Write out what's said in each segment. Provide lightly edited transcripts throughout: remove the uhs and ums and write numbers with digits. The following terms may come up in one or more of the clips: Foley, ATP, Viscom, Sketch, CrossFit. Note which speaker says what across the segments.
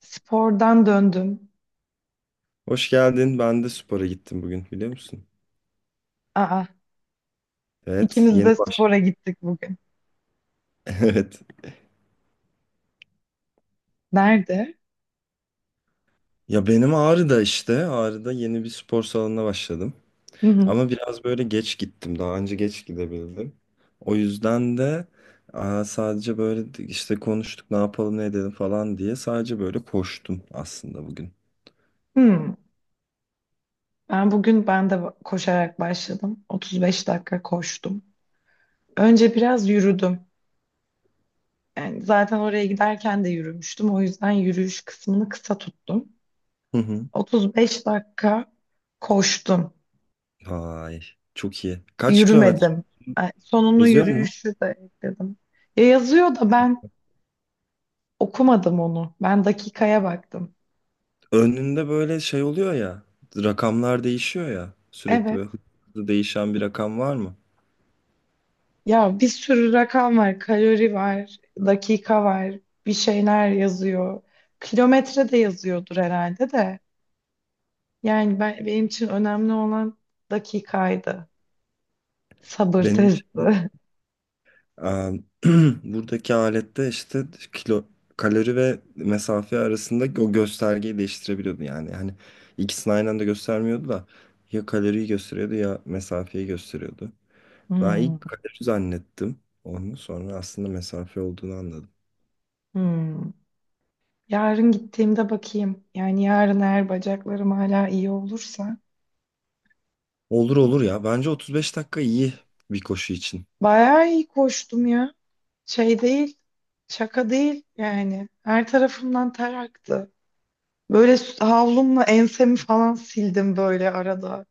Speaker 1: Spordan döndüm.
Speaker 2: Hoş geldin. Ben de spora gittim bugün biliyor musun?
Speaker 1: Aa,
Speaker 2: Evet,
Speaker 1: ikimiz
Speaker 2: yeni
Speaker 1: de
Speaker 2: baş.
Speaker 1: spora gittik bugün.
Speaker 2: Evet.
Speaker 1: Nerede?
Speaker 2: Ya benim Ağrı'da işte. Ağrı'da yeni bir spor salonuna başladım.
Speaker 1: Hı hı.
Speaker 2: Ama biraz böyle geç gittim. Daha önce geç gidebildim. O yüzden de sadece böyle işte konuştuk, ne yapalım ne edelim falan diye sadece böyle koştum aslında bugün.
Speaker 1: Hmm. Ben de koşarak başladım. 35 dakika koştum. Önce biraz yürüdüm. Yani zaten oraya giderken de yürümüştüm. O yüzden yürüyüş kısmını kısa tuttum.
Speaker 2: Hı hı.
Speaker 1: 35 dakika koştum.
Speaker 2: Vay, çok iyi. Kaç kilometre
Speaker 1: Yürümedim. Yani sonunu
Speaker 2: yazıyor mu?
Speaker 1: yürüyüşü de ekledim. Ya yazıyor da ben okumadım onu. Ben dakikaya baktım.
Speaker 2: Önünde böyle şey oluyor ya. Rakamlar değişiyor ya. Sürekli
Speaker 1: Evet.
Speaker 2: böyle hızlı değişen bir rakam var mı?
Speaker 1: Ya bir sürü rakam var, kalori var, dakika var, bir şeyler yazıyor. Kilometre de yazıyordur herhalde de. Yani benim için önemli olan dakikaydı. Sabır
Speaker 2: Benim
Speaker 1: testi.
Speaker 2: şey, em, buradaki alette işte kilo, kalori ve mesafe arasında o göstergeyi değiştirebiliyordu yani. Hani ikisini aynı anda göstermiyordu da ya kaloriyi gösteriyordu ya mesafeyi gösteriyordu. Ben
Speaker 1: Hmm,
Speaker 2: ilk kalori zannettim onu, sonra aslında mesafe olduğunu anladım.
Speaker 1: hmm. Yarın gittiğimde bakayım. Yani yarın eğer bacaklarım hala iyi olursa.
Speaker 2: Olur olur ya, bence 35 dakika iyi bir koşu için.
Speaker 1: Bayağı iyi koştum ya. Şey değil, şaka değil yani. Her tarafımdan ter aktı. Böyle havlumla ensemi falan sildim böyle arada.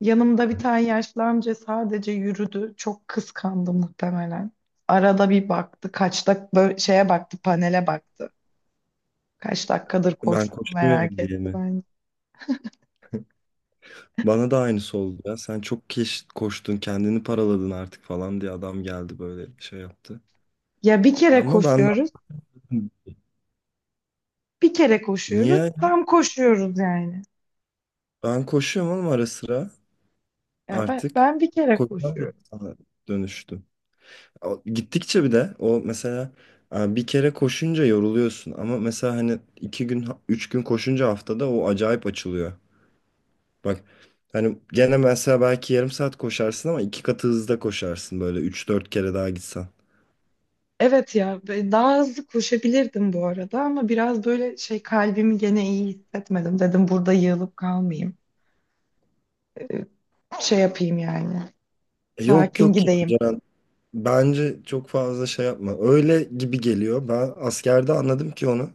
Speaker 1: Yanımda bir tane yaşlı amca sadece yürüdü. Çok kıskandı muhtemelen. Arada bir baktı. Kaç dak Böyle şeye baktı, panele baktı. Kaç dakikadır
Speaker 2: Ben
Speaker 1: koştuğumu merak
Speaker 2: koşmuyorum diye
Speaker 1: etti
Speaker 2: mi?
Speaker 1: bence.
Speaker 2: Bana da aynısı oldu ya. Sen çok koştun, kendini paraladın artık falan diye adam geldi böyle şey yaptı.
Speaker 1: Ya bir kere
Speaker 2: Ama ben.
Speaker 1: koşuyoruz, bir kere koşuyoruz,
Speaker 2: Niye?
Speaker 1: tam koşuyoruz yani.
Speaker 2: Ben koşuyorum oğlum ara sıra
Speaker 1: Ya ben,
Speaker 2: artık.
Speaker 1: ben bir kere
Speaker 2: Koşan bir
Speaker 1: koşuyorum.
Speaker 2: insana dönüştüm. Gittikçe bir de o mesela bir kere koşunca yoruluyorsun ama mesela hani iki gün üç gün koşunca haftada o acayip açılıyor. Bak, hani gene mesela belki yarım saat koşarsın ama iki katı hızda koşarsın böyle üç dört kere daha gitsen.
Speaker 1: Evet ya ve daha hızlı koşabilirdim bu arada ama biraz böyle şey kalbimi gene iyi hissetmedim. Dedim burada yığılıp kalmayayım, Ee, şey yapayım yani.
Speaker 2: Yok
Speaker 1: Sakin
Speaker 2: yok ya
Speaker 1: gideyim.
Speaker 2: Ceren. Bence çok fazla şey yapma. Öyle gibi geliyor. Ben askerde anladım ki onu.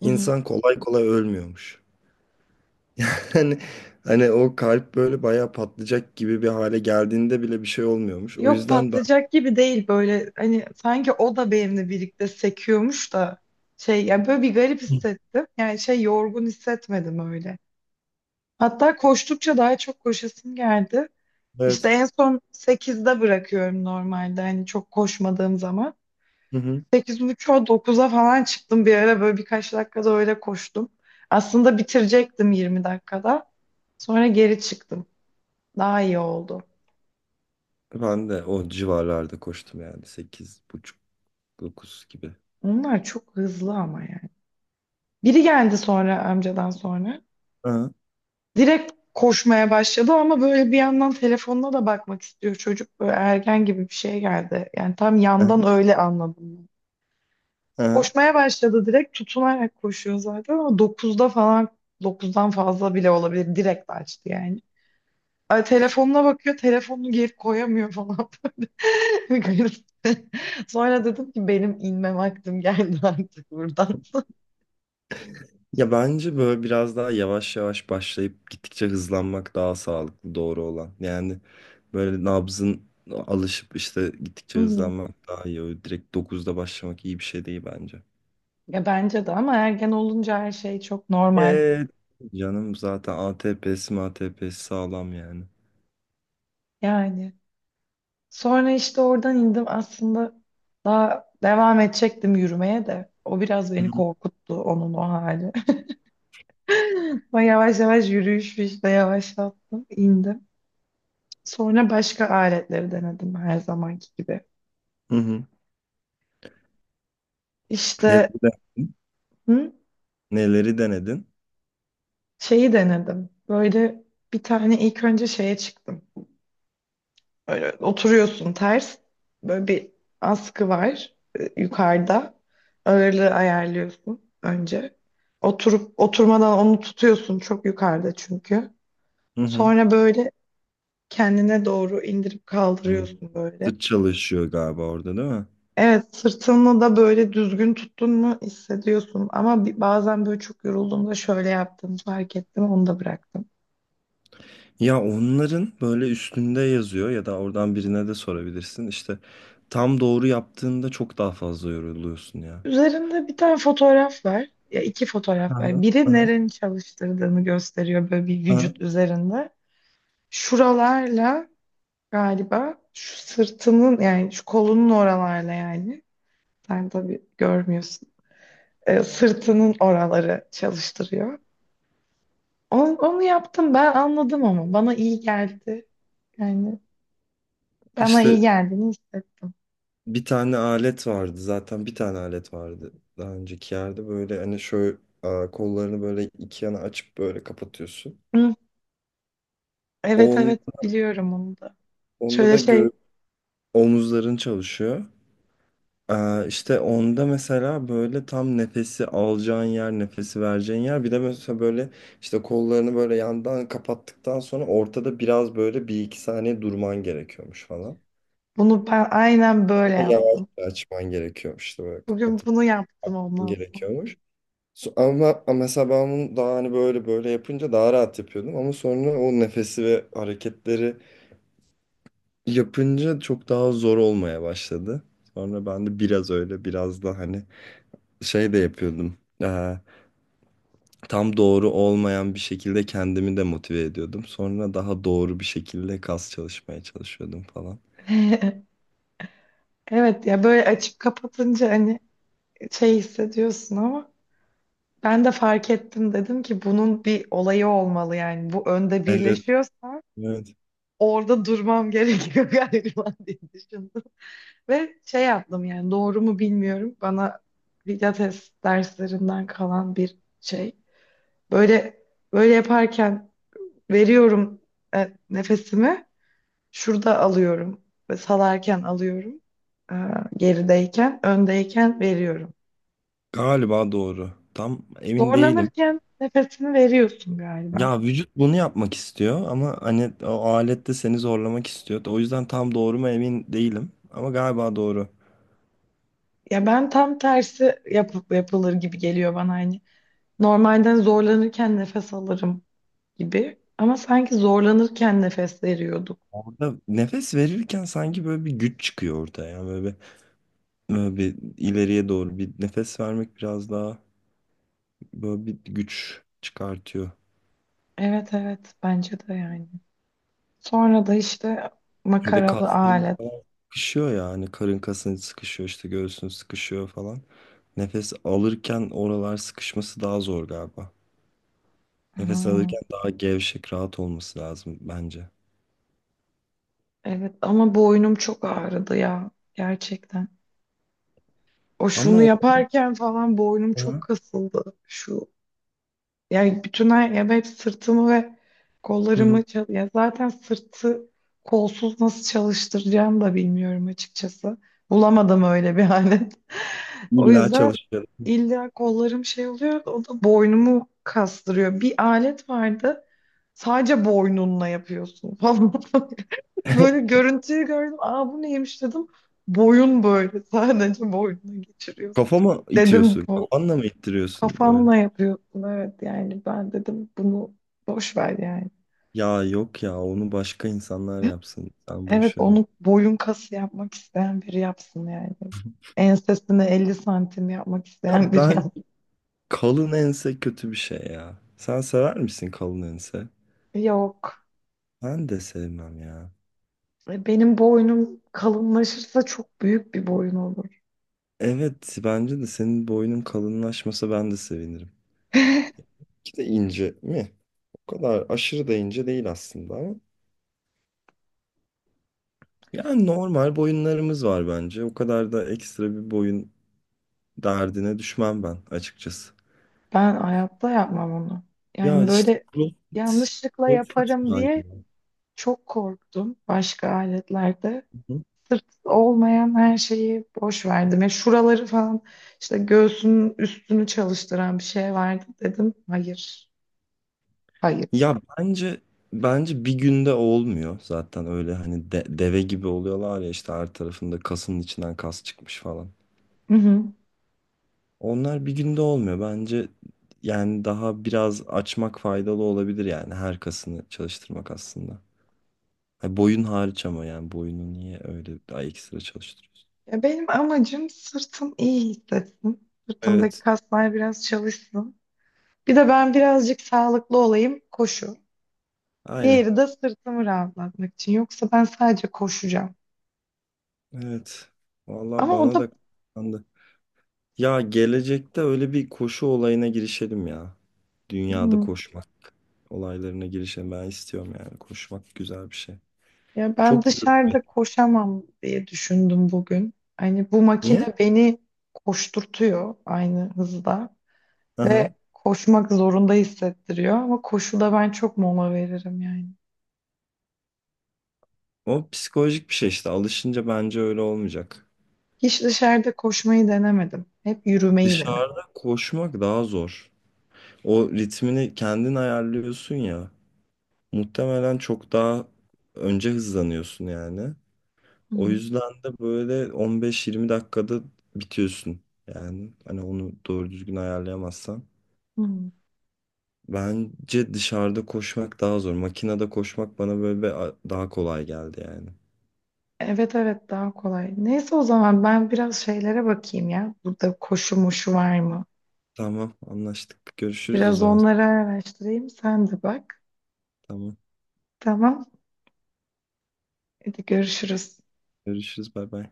Speaker 1: Hı hı.
Speaker 2: İnsan kolay kolay ölmüyormuş. Hani, hani o kalp böyle bayağı patlayacak gibi bir hale geldiğinde bile bir şey olmuyormuş. O
Speaker 1: Yok
Speaker 2: yüzden ben.
Speaker 1: patlayacak gibi değil böyle hani sanki o da benimle birlikte sekiyormuş da şey yani böyle bir garip
Speaker 2: Hı.
Speaker 1: hissettim. Yani şey yorgun hissetmedim öyle. Hatta koştukça daha çok koşasım geldi. İşte
Speaker 2: Evet.
Speaker 1: en son sekizde bırakıyorum normalde hani çok koşmadığım zaman.
Speaker 2: Hı hı.
Speaker 1: 8.30'a dokuz'a falan çıktım bir ara böyle birkaç dakikada öyle koştum. Aslında bitirecektim 20 dakikada. Sonra geri çıktım. Daha iyi oldu.
Speaker 2: Ben de o civarlarda koştum yani 8 buçuk, 9 gibi.
Speaker 1: Onlar çok hızlı ama yani. Biri geldi sonra amcadan sonra.
Speaker 2: Aha,
Speaker 1: Direkt koşmaya başladı ama böyle bir yandan telefonuna da bakmak istiyor çocuk. Böyle ergen gibi bir şey geldi. Yani tam
Speaker 2: aha,
Speaker 1: yandan öyle anladım ben.
Speaker 2: aha.
Speaker 1: Koşmaya başladı direkt tutunarak koşuyor zaten ama dokuzda falan dokuzdan fazla bile olabilir. Direkt açtı yani. Ay, telefonuna bakıyor telefonunu geri koyamıyor falan. Böyle. Garip. Sonra dedim ki benim inme vaktim geldi artık buradan.
Speaker 2: Ya bence böyle biraz daha yavaş yavaş başlayıp gittikçe hızlanmak daha sağlıklı, doğru olan. Yani böyle nabzın alışıp işte
Speaker 1: Hı
Speaker 2: gittikçe
Speaker 1: hı.
Speaker 2: hızlanmak daha iyi. Öyle direkt dokuzda başlamak iyi bir şey değil bence.
Speaker 1: Ya bence de ama ergen olunca her şey çok normal.
Speaker 2: Ee, Canım zaten ATP'si sağlam yani.
Speaker 1: Yani sonra işte oradan indim aslında, daha devam edecektim yürümeye de. O biraz
Speaker 2: Hı
Speaker 1: beni
Speaker 2: hı.
Speaker 1: korkuttu onun o hali. Ama yavaş yavaş yürüyüş işte yavaşlattım indim. Sonra başka aletleri denedim her zamanki gibi.
Speaker 2: Hı hı. Neleri
Speaker 1: İşte
Speaker 2: denedin?
Speaker 1: hı,
Speaker 2: Neleri denedin?
Speaker 1: şeyi denedim. Böyle bir tane ilk önce şeye çıktım. Böyle oturuyorsun ters. Böyle bir askı var, yukarıda. Ağırlığı ayarlıyorsun önce. Oturup oturmadan onu tutuyorsun çok yukarıda çünkü.
Speaker 2: Hı hı.
Speaker 1: Sonra böyle kendine doğru indirip
Speaker 2: Hı.
Speaker 1: kaldırıyorsun böyle.
Speaker 2: Sırt çalışıyor galiba orada değil mi?
Speaker 1: Evet, sırtını da böyle düzgün tuttun mu hissediyorsun. Ama bazen böyle çok yorulduğumda şöyle yaptığımı fark ettim, onu da bıraktım.
Speaker 2: Ya onların böyle üstünde yazıyor ya da oradan birine de sorabilirsin. İşte tam doğru yaptığında çok daha fazla yoruluyorsun ya.
Speaker 1: Üzerinde bir tane fotoğraf var. Ya iki fotoğraf
Speaker 2: Aha,
Speaker 1: var. Biri
Speaker 2: aha,
Speaker 1: nerenin çalıştırdığını gösteriyor böyle bir
Speaker 2: aha.
Speaker 1: vücut üzerinde. Şuralarla galiba, şu sırtının yani şu kolunun oralarla yani. Sen tabii görmüyorsun. Sırtının oraları çalıştırıyor. Onu yaptım, ben anladım ama bana iyi geldi. Yani bana
Speaker 2: İşte
Speaker 1: iyi geldiğini hissettim.
Speaker 2: bir tane alet vardı daha önceki yerde böyle hani şöyle kollarını böyle iki yana açıp böyle kapatıyorsun.
Speaker 1: Hı, evet
Speaker 2: On,
Speaker 1: evet biliyorum onu da.
Speaker 2: onda
Speaker 1: Şöyle
Speaker 2: da
Speaker 1: şey
Speaker 2: omuzların çalışıyor. İşte onda mesela böyle tam nefesi alacağın yer, nefesi vereceğin yer. Bir de mesela böyle işte kollarını böyle yandan kapattıktan sonra ortada biraz böyle bir iki saniye durman gerekiyormuş falan.
Speaker 1: Bunu ben aynen
Speaker 2: Ama
Speaker 1: böyle
Speaker 2: yavaş
Speaker 1: yaptım.
Speaker 2: açman gerekiyormuş, işte böyle
Speaker 1: Bugün
Speaker 2: kapatıp
Speaker 1: bunu yaptım ondan sonra.
Speaker 2: gerekiyormuş. Ama mesela ben bunu daha hani böyle böyle yapınca daha rahat yapıyordum. Ama sonra o nefesi ve hareketleri yapınca çok daha zor olmaya başladı. Sonra ben de biraz öyle, biraz da hani şey de yapıyordum. Tam doğru olmayan bir şekilde kendimi de motive ediyordum. Sonra daha doğru bir şekilde kas çalışmaya çalışıyordum falan.
Speaker 1: Evet ya, böyle açıp kapatınca hani şey hissediyorsun ama ben de fark ettim, dedim ki bunun bir olayı olmalı yani. Bu önde
Speaker 2: Evet,
Speaker 1: birleşiyorsa
Speaker 2: evet.
Speaker 1: orada durmam gerekiyor galiba diye düşündüm. Ve şey yaptım yani, doğru mu bilmiyorum, bana pilates derslerinden kalan bir şey. Böyle böyle yaparken veriyorum nefesimi. Şurada alıyorum ve salarken alıyorum. Ee, Gerideyken, öndeyken veriyorum.
Speaker 2: Galiba doğru. Tam emin değilim.
Speaker 1: Zorlanırken nefesini veriyorsun galiba.
Speaker 2: Ya vücut bunu yapmak istiyor ama hani o alet de seni zorlamak istiyor. O yüzden tam doğru mu emin değilim. Ama galiba doğru.
Speaker 1: Ya ben tam tersi yapıp yapılır gibi geliyor bana hani. Normalden zorlanırken nefes alırım gibi ama sanki zorlanırken nefes veriyorduk.
Speaker 2: Burada nefes verirken sanki böyle bir güç çıkıyor ortaya. Yani böyle. Böyle bir ileriye doğru bir nefes vermek biraz daha böyle bir güç çıkartıyor.
Speaker 1: Evet evet, bence de yani. Sonra da işte
Speaker 2: Bir de
Speaker 1: makaralı
Speaker 2: kasların
Speaker 1: alet.
Speaker 2: falan sıkışıyor yani, karın kasın sıkışıyor işte, göğsün sıkışıyor falan. Nefes alırken oralar sıkışması daha zor galiba. Nefes
Speaker 1: Ha,
Speaker 2: alırken daha gevşek, rahat olması lazım bence.
Speaker 1: evet ama boynum çok ağrıdı ya gerçekten. O
Speaker 2: Ama
Speaker 1: şunu
Speaker 2: o.
Speaker 1: yaparken falan boynum çok
Speaker 2: Aha.
Speaker 1: kasıldı. Şu yani bütün her, ya ben hep sırtımı ve
Speaker 2: Hı hı.
Speaker 1: kollarımı ya zaten sırtı kolsuz nasıl çalıştıracağımı da bilmiyorum açıkçası. Bulamadım öyle bir alet. O
Speaker 2: illa
Speaker 1: yüzden
Speaker 2: çalışıyor.
Speaker 1: illa kollarım şey oluyor, o da boynumu kastırıyor. Bir alet vardı. Sadece boynunla yapıyorsun falan. Böyle görüntüyü gördüm. Aa, bu neymiş dedim. Boyun böyle. Sadece boynuna geçiriyorsun.
Speaker 2: Kafama
Speaker 1: Dedim
Speaker 2: itiyorsun.
Speaker 1: bu
Speaker 2: Kafanla mı ittiriyorsun böyle?
Speaker 1: kafanla yapıyorsun. Evet yani, ben dedim bunu boş ver yani.
Speaker 2: Ya yok ya, onu başka insanlar yapsın. Sen
Speaker 1: Evet,
Speaker 2: boş ver onu.
Speaker 1: onu boyun kası yapmak isteyen biri yapsın yani. Ensesine 50 santim yapmak isteyen
Speaker 2: Ya
Speaker 1: biri
Speaker 2: ben.
Speaker 1: yapsın.
Speaker 2: Kalın ense kötü bir şey ya. Sen sever misin kalın ense?
Speaker 1: Yok.
Speaker 2: Ben de sevmem ya.
Speaker 1: Benim boynum kalınlaşırsa çok büyük bir boyun olur.
Speaker 2: Evet, bence de senin boynun kalınlaşmasa ben de sevinirim. Ki de ince mi? O kadar aşırı da ince değil aslında ama. Yani normal boyunlarımız var bence. O kadar da ekstra bir boyun derdine düşmem ben açıkçası.
Speaker 1: Ben hayatta yapmam onu.
Speaker 2: Ya
Speaker 1: Yani
Speaker 2: işte
Speaker 1: böyle
Speaker 2: CrossFit.
Speaker 1: yanlışlıkla
Speaker 2: CrossFit
Speaker 1: yaparım
Speaker 2: mi
Speaker 1: diye
Speaker 2: acaba?
Speaker 1: çok korktum başka aletlerde. Sırt olmayan her şeyi boş verdim. Ya şuraları falan, işte göğsünün üstünü çalıştıran bir şey vardı dedim. Hayır, hayır.
Speaker 2: Ya bence bir günde olmuyor zaten öyle, hani deve gibi oluyorlar ya, işte her tarafında kasın içinden kas çıkmış falan.
Speaker 1: Hı hı.
Speaker 2: Onlar bir günde olmuyor bence, yani daha biraz açmak faydalı olabilir yani her kasını çalıştırmak aslında. Ha, boyun hariç ama, yani boyunu niye öyle daha ekstra çalıştırıyorsun?
Speaker 1: Ya benim amacım sırtım iyi hissetsin. Sırtımdaki
Speaker 2: Evet.
Speaker 1: kaslar biraz çalışsın. Bir de ben birazcık sağlıklı olayım, koşu.
Speaker 2: Aynen.
Speaker 1: Diğeri de sırtımı rahatlatmak için. Yoksa ben sadece koşacağım.
Speaker 2: Evet. Vallahi
Speaker 1: Ama o
Speaker 2: bana
Speaker 1: da,
Speaker 2: da. Ya gelecekte öyle bir koşu olayına girişelim ya. Dünyada
Speaker 1: hı.
Speaker 2: koşmak olaylarına girişelim. Ben istiyorum yani. Koşmak güzel bir şey.
Speaker 1: Ya ben
Speaker 2: Çok yorucu.
Speaker 1: dışarıda koşamam diye düşündüm bugün. Hani bu makine
Speaker 2: Niye?
Speaker 1: beni koşturtuyor aynı hızda ve
Speaker 2: Aha.
Speaker 1: koşmak zorunda hissettiriyor ama koşuda ben çok mola veririm yani.
Speaker 2: O psikolojik bir şey işte. Alışınca bence öyle olmayacak.
Speaker 1: Hiç dışarıda koşmayı denemedim. Hep yürümeyi denedim.
Speaker 2: Dışarıda koşmak daha zor. O ritmini kendin ayarlıyorsun ya. Muhtemelen çok daha önce hızlanıyorsun yani.
Speaker 1: Hı
Speaker 2: O
Speaker 1: hı.
Speaker 2: yüzden de böyle 15-20 dakikada bitiyorsun. Yani hani onu doğru düzgün ayarlayamazsan.
Speaker 1: Hı.
Speaker 2: Bence dışarıda koşmak daha zor. Makinede koşmak bana böyle daha kolay geldi yani.
Speaker 1: Evet evet, daha kolay. Neyse o zaman ben biraz şeylere bakayım ya. Burada koşu moşu var mı?
Speaker 2: Tamam, anlaştık. Görüşürüz o
Speaker 1: Biraz
Speaker 2: zaman.
Speaker 1: onları araştırayım. Sen de bak.
Speaker 2: Tamam.
Speaker 1: Tamam. Hadi görüşürüz.
Speaker 2: Görüşürüz. Bay bay.